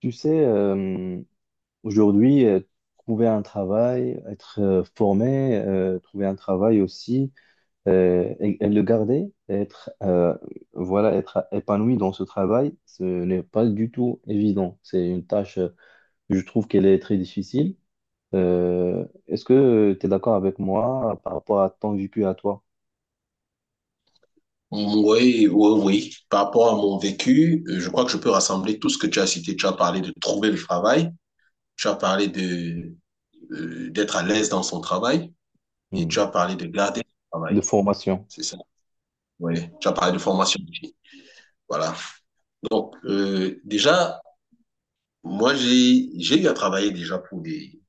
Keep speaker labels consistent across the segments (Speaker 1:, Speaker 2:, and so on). Speaker 1: Tu sais, aujourd'hui, trouver un travail, être formé, trouver un travail aussi, et le garder, être, voilà, être épanoui dans ce travail, ce n'est pas du tout évident. C'est une tâche, je trouve qu'elle est très difficile. Est-ce que tu es d'accord avec moi par rapport à ton vécu à toi?
Speaker 2: Oui, oui, oui. Par rapport à mon vécu, je crois que je peux rassembler tout ce que tu as cité. Tu as parlé de trouver le travail, tu as parlé de d'être à l'aise dans son travail et tu as
Speaker 1: Hmm.
Speaker 2: parlé de garder son
Speaker 1: De
Speaker 2: travail.
Speaker 1: formation?
Speaker 2: C'est ça. Oui. Tu as parlé de formation aussi. Voilà. Donc, déjà, moi, j'ai eu à travailler déjà pour des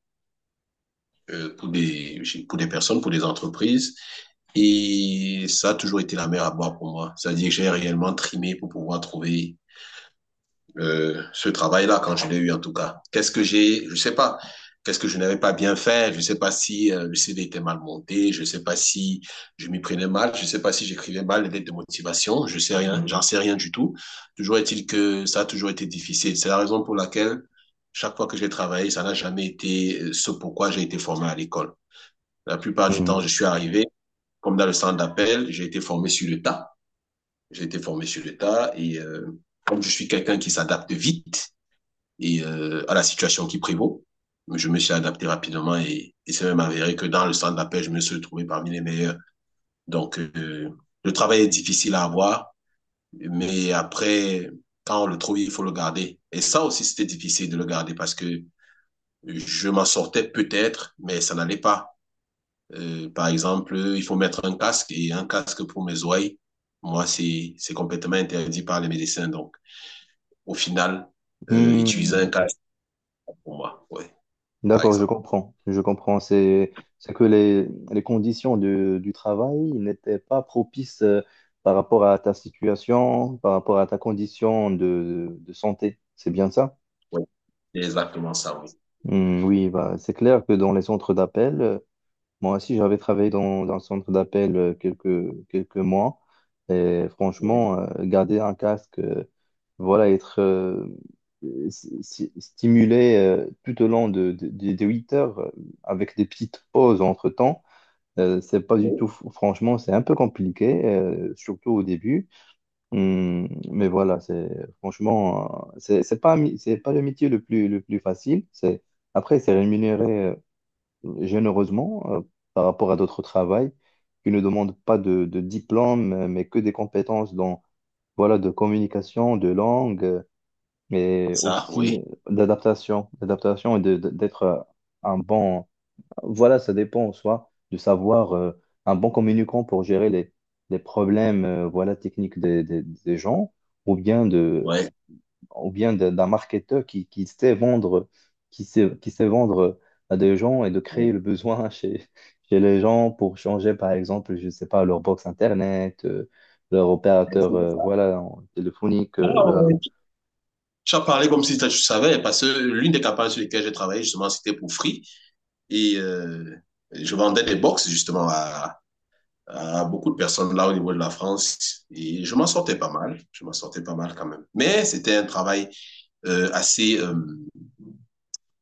Speaker 2: euh, pour des pour des personnes, pour des entreprises et ça a toujours été la mer à boire pour moi. C'est-à-dire que j'ai réellement trimé pour pouvoir trouver ce travail-là quand je l'ai eu en tout cas. Qu'est-ce que j'ai, je sais pas, qu'est-ce que je n'avais pas bien fait, je sais pas si le CD était mal monté, je sais pas si je m'y prenais mal, je sais pas si j'écrivais mal les lettres de motivation, je sais rien, j'en sais rien du tout. Toujours est-il que ça a toujours été difficile. C'est la raison pour laquelle chaque fois que j'ai travaillé, ça n'a jamais été ce pourquoi j'ai été formé à l'école. La plupart du temps, je
Speaker 1: Hmm.
Speaker 2: suis arrivé comme dans le centre d'appel, j'ai été formé sur le tas. J'ai été formé sur le tas et comme je suis quelqu'un qui s'adapte vite, et à la situation qui prévaut. Je me suis adapté rapidement et, c'est même avéré que dans le centre d'appel, je me suis trouvé parmi les meilleurs. Donc, le travail est difficile à avoir, mais après, quand on le trouve, il faut le garder. Et ça aussi, c'était difficile de le garder parce que je m'en sortais peut-être, mais ça n'allait pas. Par exemple, il faut mettre un casque et un casque pour mes oreilles. Moi, c'est complètement interdit par les médecins. Donc, au final, utiliser un
Speaker 1: Hmm.
Speaker 2: casque pour moi, ouais, par
Speaker 1: D'accord, je
Speaker 2: exemple.
Speaker 1: comprends. Je comprends. C'est que les conditions du travail n'étaient pas propices, par rapport à ta situation, par rapport à ta condition de santé. C'est bien ça?
Speaker 2: Oui, c'est exactement ça, oui.
Speaker 1: Hmm, oui, bah, c'est clair que dans les centres d'appel, moi aussi, j'avais travaillé dans un centre d'appel quelques mois. Et
Speaker 2: Oui,
Speaker 1: franchement, garder un casque, voilà, être stimulé tout au long de 8 heures, avec des petites pauses entre-temps. C'est pas du tout,
Speaker 2: oui,
Speaker 1: franchement, c'est un peu compliqué, surtout au début. Mais voilà, c'est, franchement, c'est pas, c'est pas le métier le plus facile. C'est, après, c'est rémunéré généreusement, par rapport à d'autres travails qui ne demandent pas de diplôme, mais que des compétences dans, voilà, de communication, de langue, mais
Speaker 2: ça,
Speaker 1: aussi
Speaker 2: oui.
Speaker 1: d'adaptation, d'adaptation et d'être un bon, voilà, ça dépend en soi, de savoir, un bon communicant pour gérer les problèmes, voilà, techniques des gens, ou bien de,
Speaker 2: Ouais.
Speaker 1: ou bien d'un marketeur qui sait vendre à des gens et de
Speaker 2: Oui,
Speaker 1: créer
Speaker 2: oui.
Speaker 1: le besoin chez, chez les gens pour changer, par exemple, je ne sais pas, leur box Internet, leur
Speaker 2: C'est
Speaker 1: opérateur,
Speaker 2: ça.
Speaker 1: voilà, téléphonique,
Speaker 2: Ah,
Speaker 1: leur-
Speaker 2: ouais. Tu as parlé comme si tu savais, parce que l'une des campagnes sur lesquelles j'ai travaillé, justement, c'était pour Free. Et je vendais des box, justement, à beaucoup de personnes là au niveau de la France. Et je m'en sortais pas mal. Je m'en sortais pas mal quand même. Mais c'était un travail assez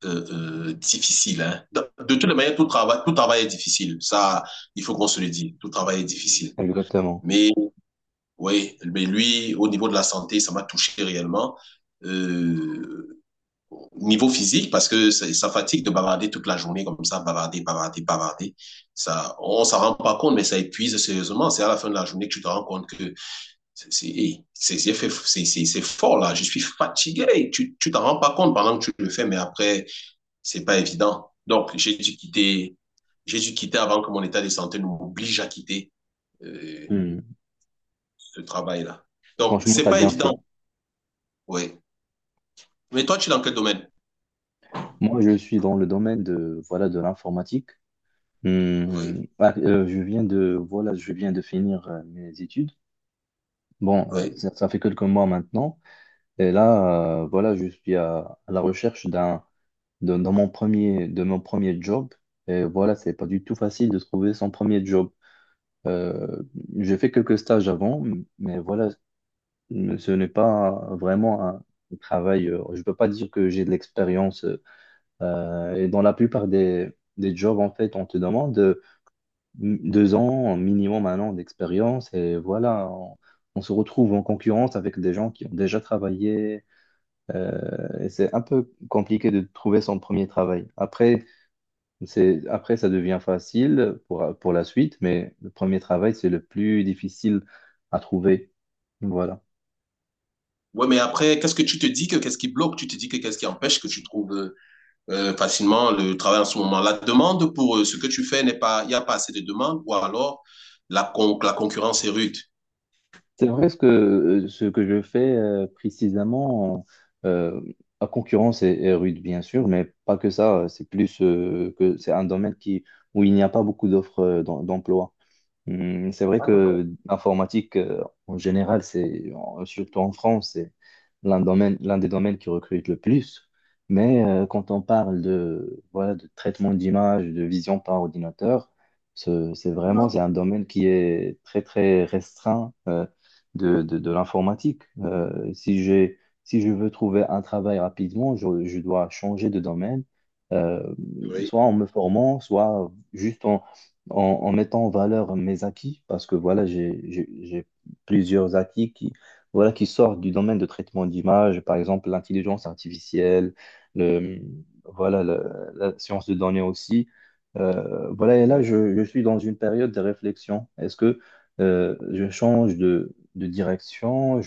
Speaker 2: euh, difficile. Hein. De toutes les manières, tout travail est difficile. Ça, il faut qu'on se le dise. Tout travail est difficile.
Speaker 1: Exactement.
Speaker 2: Mais Oui, mais lui, au niveau de la santé, ça m'a touché réellement. Euh, niveau physique, parce que ça fatigue de bavarder toute la journée comme ça, bavarder, bavarder, bavarder. Ça, on s'en rend pas compte, mais ça épuise sérieusement. C'est à la fin de la journée que tu te rends compte que c'est hey, c'est- fait- c'est fort là. Je suis fatigué. Hey, tu t'en rends pas compte pendant que tu le fais, mais après c'est pas évident. Donc j'ai dû quitter avant que mon état de santé ne m'oblige à quitter euh,
Speaker 1: Hmm.
Speaker 2: ce travail là. Donc
Speaker 1: Franchement,
Speaker 2: c'est
Speaker 1: tu as
Speaker 2: pas
Speaker 1: bien fait.
Speaker 2: évident. Oui. Mais toi, tu es dans quel domaine?
Speaker 1: Moi, je suis dans le domaine de, voilà, de l'informatique. Hmm.
Speaker 2: Oui,
Speaker 1: Ah, je viens de, voilà, je viens de finir mes études. Bon,
Speaker 2: oui.
Speaker 1: ça, ça fait quelques mois maintenant. Et là, voilà, je suis à la recherche d'un, de, dans mon premier, de mon premier job. Et voilà, c'est pas du tout facile de trouver son premier job. Euh, j'ai fait quelques stages avant, mais voilà, ce n'est pas vraiment un travail. Je peux pas dire que j'ai de l'expérience. Et dans la plupart des jobs, en fait, on te demande, 2 ans minimum, 1 an d'expérience. Et voilà, on se retrouve en concurrence avec des gens qui ont déjà travaillé, et c'est un peu compliqué de trouver son premier travail. Après, c'est, après, ça devient facile pour la suite, mais le premier travail, c'est le plus difficile à trouver. Voilà.
Speaker 2: Ouais, mais après, qu'est-ce que tu te dis que qu'est-ce qui bloque? Tu te dis que qu'est-ce qui empêche que tu trouves facilement le travail en ce moment? La demande pour ce que tu fais n'est pas, il n'y a pas assez de demande, ou alors la, la concurrence est rude.
Speaker 1: C'est vrai ce que je fais, précisément, euh, à concurrence est, est rude, bien sûr, mais pas que ça. C'est plus, que c'est un domaine qui, où il n'y a pas beaucoup d'offres, d'emploi. Hmm. C'est vrai
Speaker 2: Ah, d'accord.
Speaker 1: que l'informatique, en général, c'est surtout en France, c'est l'un domaine, l'un des domaines qui recrute le plus. Mais quand on parle de, voilà, de traitement d'image, de vision par ordinateur, c'est
Speaker 2: Ah,
Speaker 1: vraiment c'est un
Speaker 2: ok.
Speaker 1: domaine qui est très très restreint, de l'informatique. Si je veux trouver un travail rapidement, je dois changer de domaine, euh,
Speaker 2: Oui,
Speaker 1: soit en me formant, soit juste en, en mettant en valeur mes acquis, parce que voilà, j'ai plusieurs acquis qui, voilà, qui sortent du domaine de traitement d'image, par exemple l'intelligence artificielle, le, voilà, la science de données aussi. Voilà, et là,
Speaker 2: oui.
Speaker 1: je suis dans une période de réflexion. Est-ce que je change de direction?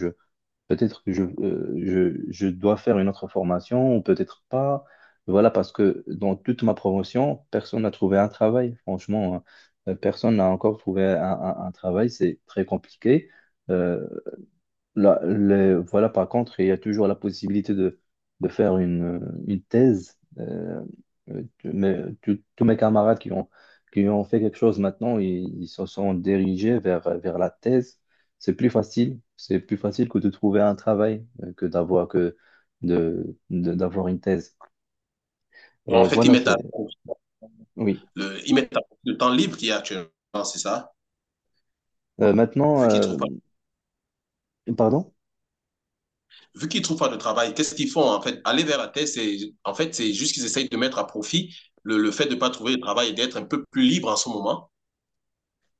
Speaker 1: Peut-être que je dois faire une autre formation ou peut-être pas. Voilà, parce que dans toute ma promotion, personne n'a trouvé un travail. Franchement, hein. Personne n'a encore trouvé un, un travail. C'est très compliqué. Euh, Là, voilà, par contre, il y a toujours la possibilité de faire une thèse. Tous mes camarades qui ont fait quelque chose maintenant, ils se sont dirigés vers, vers la thèse. C'est plus facile. C'est plus facile que de trouver un travail, que d'avoir que de- d'avoir une thèse.
Speaker 2: Donc, en
Speaker 1: Et
Speaker 2: fait,
Speaker 1: voilà, c'est... Oui.
Speaker 2: ils mettent à le temps libre qu'il y a actuellement, c'est ça?
Speaker 1: Maintenant,
Speaker 2: Vu qu'ils trouvent pas
Speaker 1: pardon?
Speaker 2: Vu qu'ils ne trouvent pas de travail, qu'est-ce qu'ils font en fait? Aller vers la terre, c'est en fait, c'est juste qu'ils essayent de mettre à profit le fait de ne pas trouver de travail et d'être un peu plus libre en ce moment.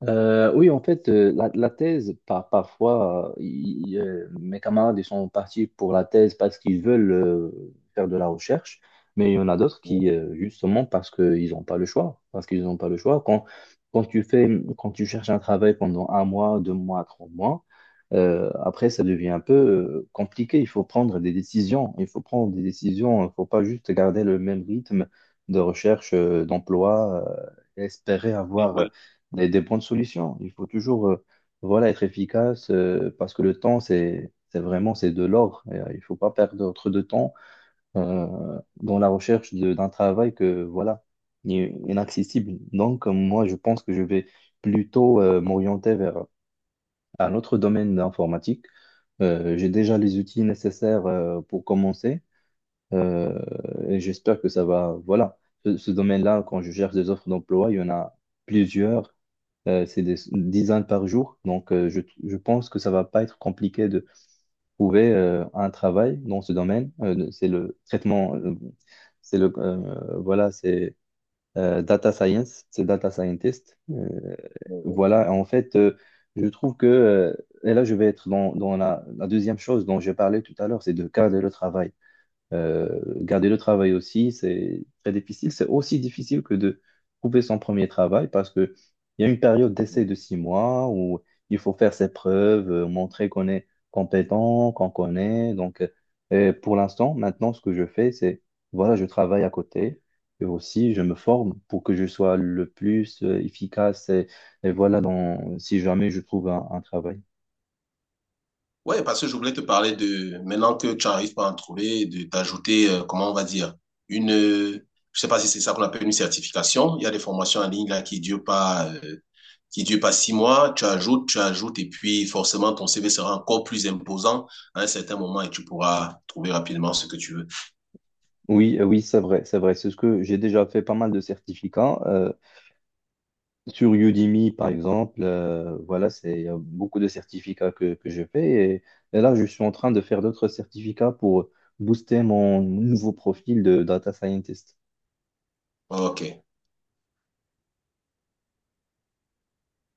Speaker 1: Oui, en fait, la thèse, parfois, mes camarades ils sont partis pour la thèse parce qu'ils veulent faire de la recherche, mais il y en a d'autres qui, justement, parce qu'ils n'ont pas le choix, parce qu'ils n'ont pas le choix. Quand, quand tu fais, quand tu cherches un travail pendant 1 mois, 2 mois, 3 mois, après, ça devient un peu compliqué. Il faut prendre des décisions. Il faut prendre des décisions. Il ne faut pas juste garder le même rythme de recherche, d'emploi, et espérer avoir
Speaker 2: Oui.
Speaker 1: des bonnes solutions. Il faut toujours, voilà, être efficace, parce que le temps, c'est vraiment c'est de l'or. Et, il ne faut pas perdre trop de temps dans la recherche d'un travail que, voilà, est inaccessible. Donc, moi, je pense que je vais plutôt m'orienter vers un autre domaine informatique. J'ai déjà les outils nécessaires pour commencer. Euh, et j'espère que ça va. Voilà, ce domaine-là, quand je cherche des offres d'emploi, il y en a plusieurs. C'est des dizaines par jour. Donc, je pense que ça va pas être compliqué de trouver un travail dans ce domaine. C'est le traitement, c'est le, voilà, c'est data science, c'est data scientist. Voilà, en fait, je trouve que, et là, je vais être dans, dans la deuxième chose dont j'ai parlé tout à l'heure, c'est de cadrer le travail. Euh, garder le travail aussi, c'est très difficile. C'est aussi difficile que de trouver son premier travail parce que il y a une période d'essai de 6 mois où il faut faire ses preuves, montrer qu'on est compétent, qu'on connaît. Donc, pour l'instant, maintenant, ce que je fais, c'est, voilà, je travaille à côté. Et aussi, je me forme pour que je sois le plus efficace. Et voilà, dans, si jamais je trouve un travail.
Speaker 2: Ouais, parce que je voulais te parler de, maintenant que tu n'arrives pas à en trouver, de t'ajouter, comment on va dire, une, je sais pas si c'est ça qu'on appelle une certification. Il y a des formations en ligne là qui durent pas 6 mois. Tu ajoutes, et puis forcément ton CV sera encore plus imposant à un certain moment et tu pourras trouver rapidement ce que tu veux.
Speaker 1: Oui, oui, c'est vrai, c'est vrai. C'est ce que j'ai déjà fait pas mal de certificats. Sur Udemy, par exemple, voilà, c'est, il y a beaucoup de certificats que je fais. Et là, je suis en train de faire d'autres certificats pour booster mon nouveau profil de data scientist.
Speaker 2: Ok.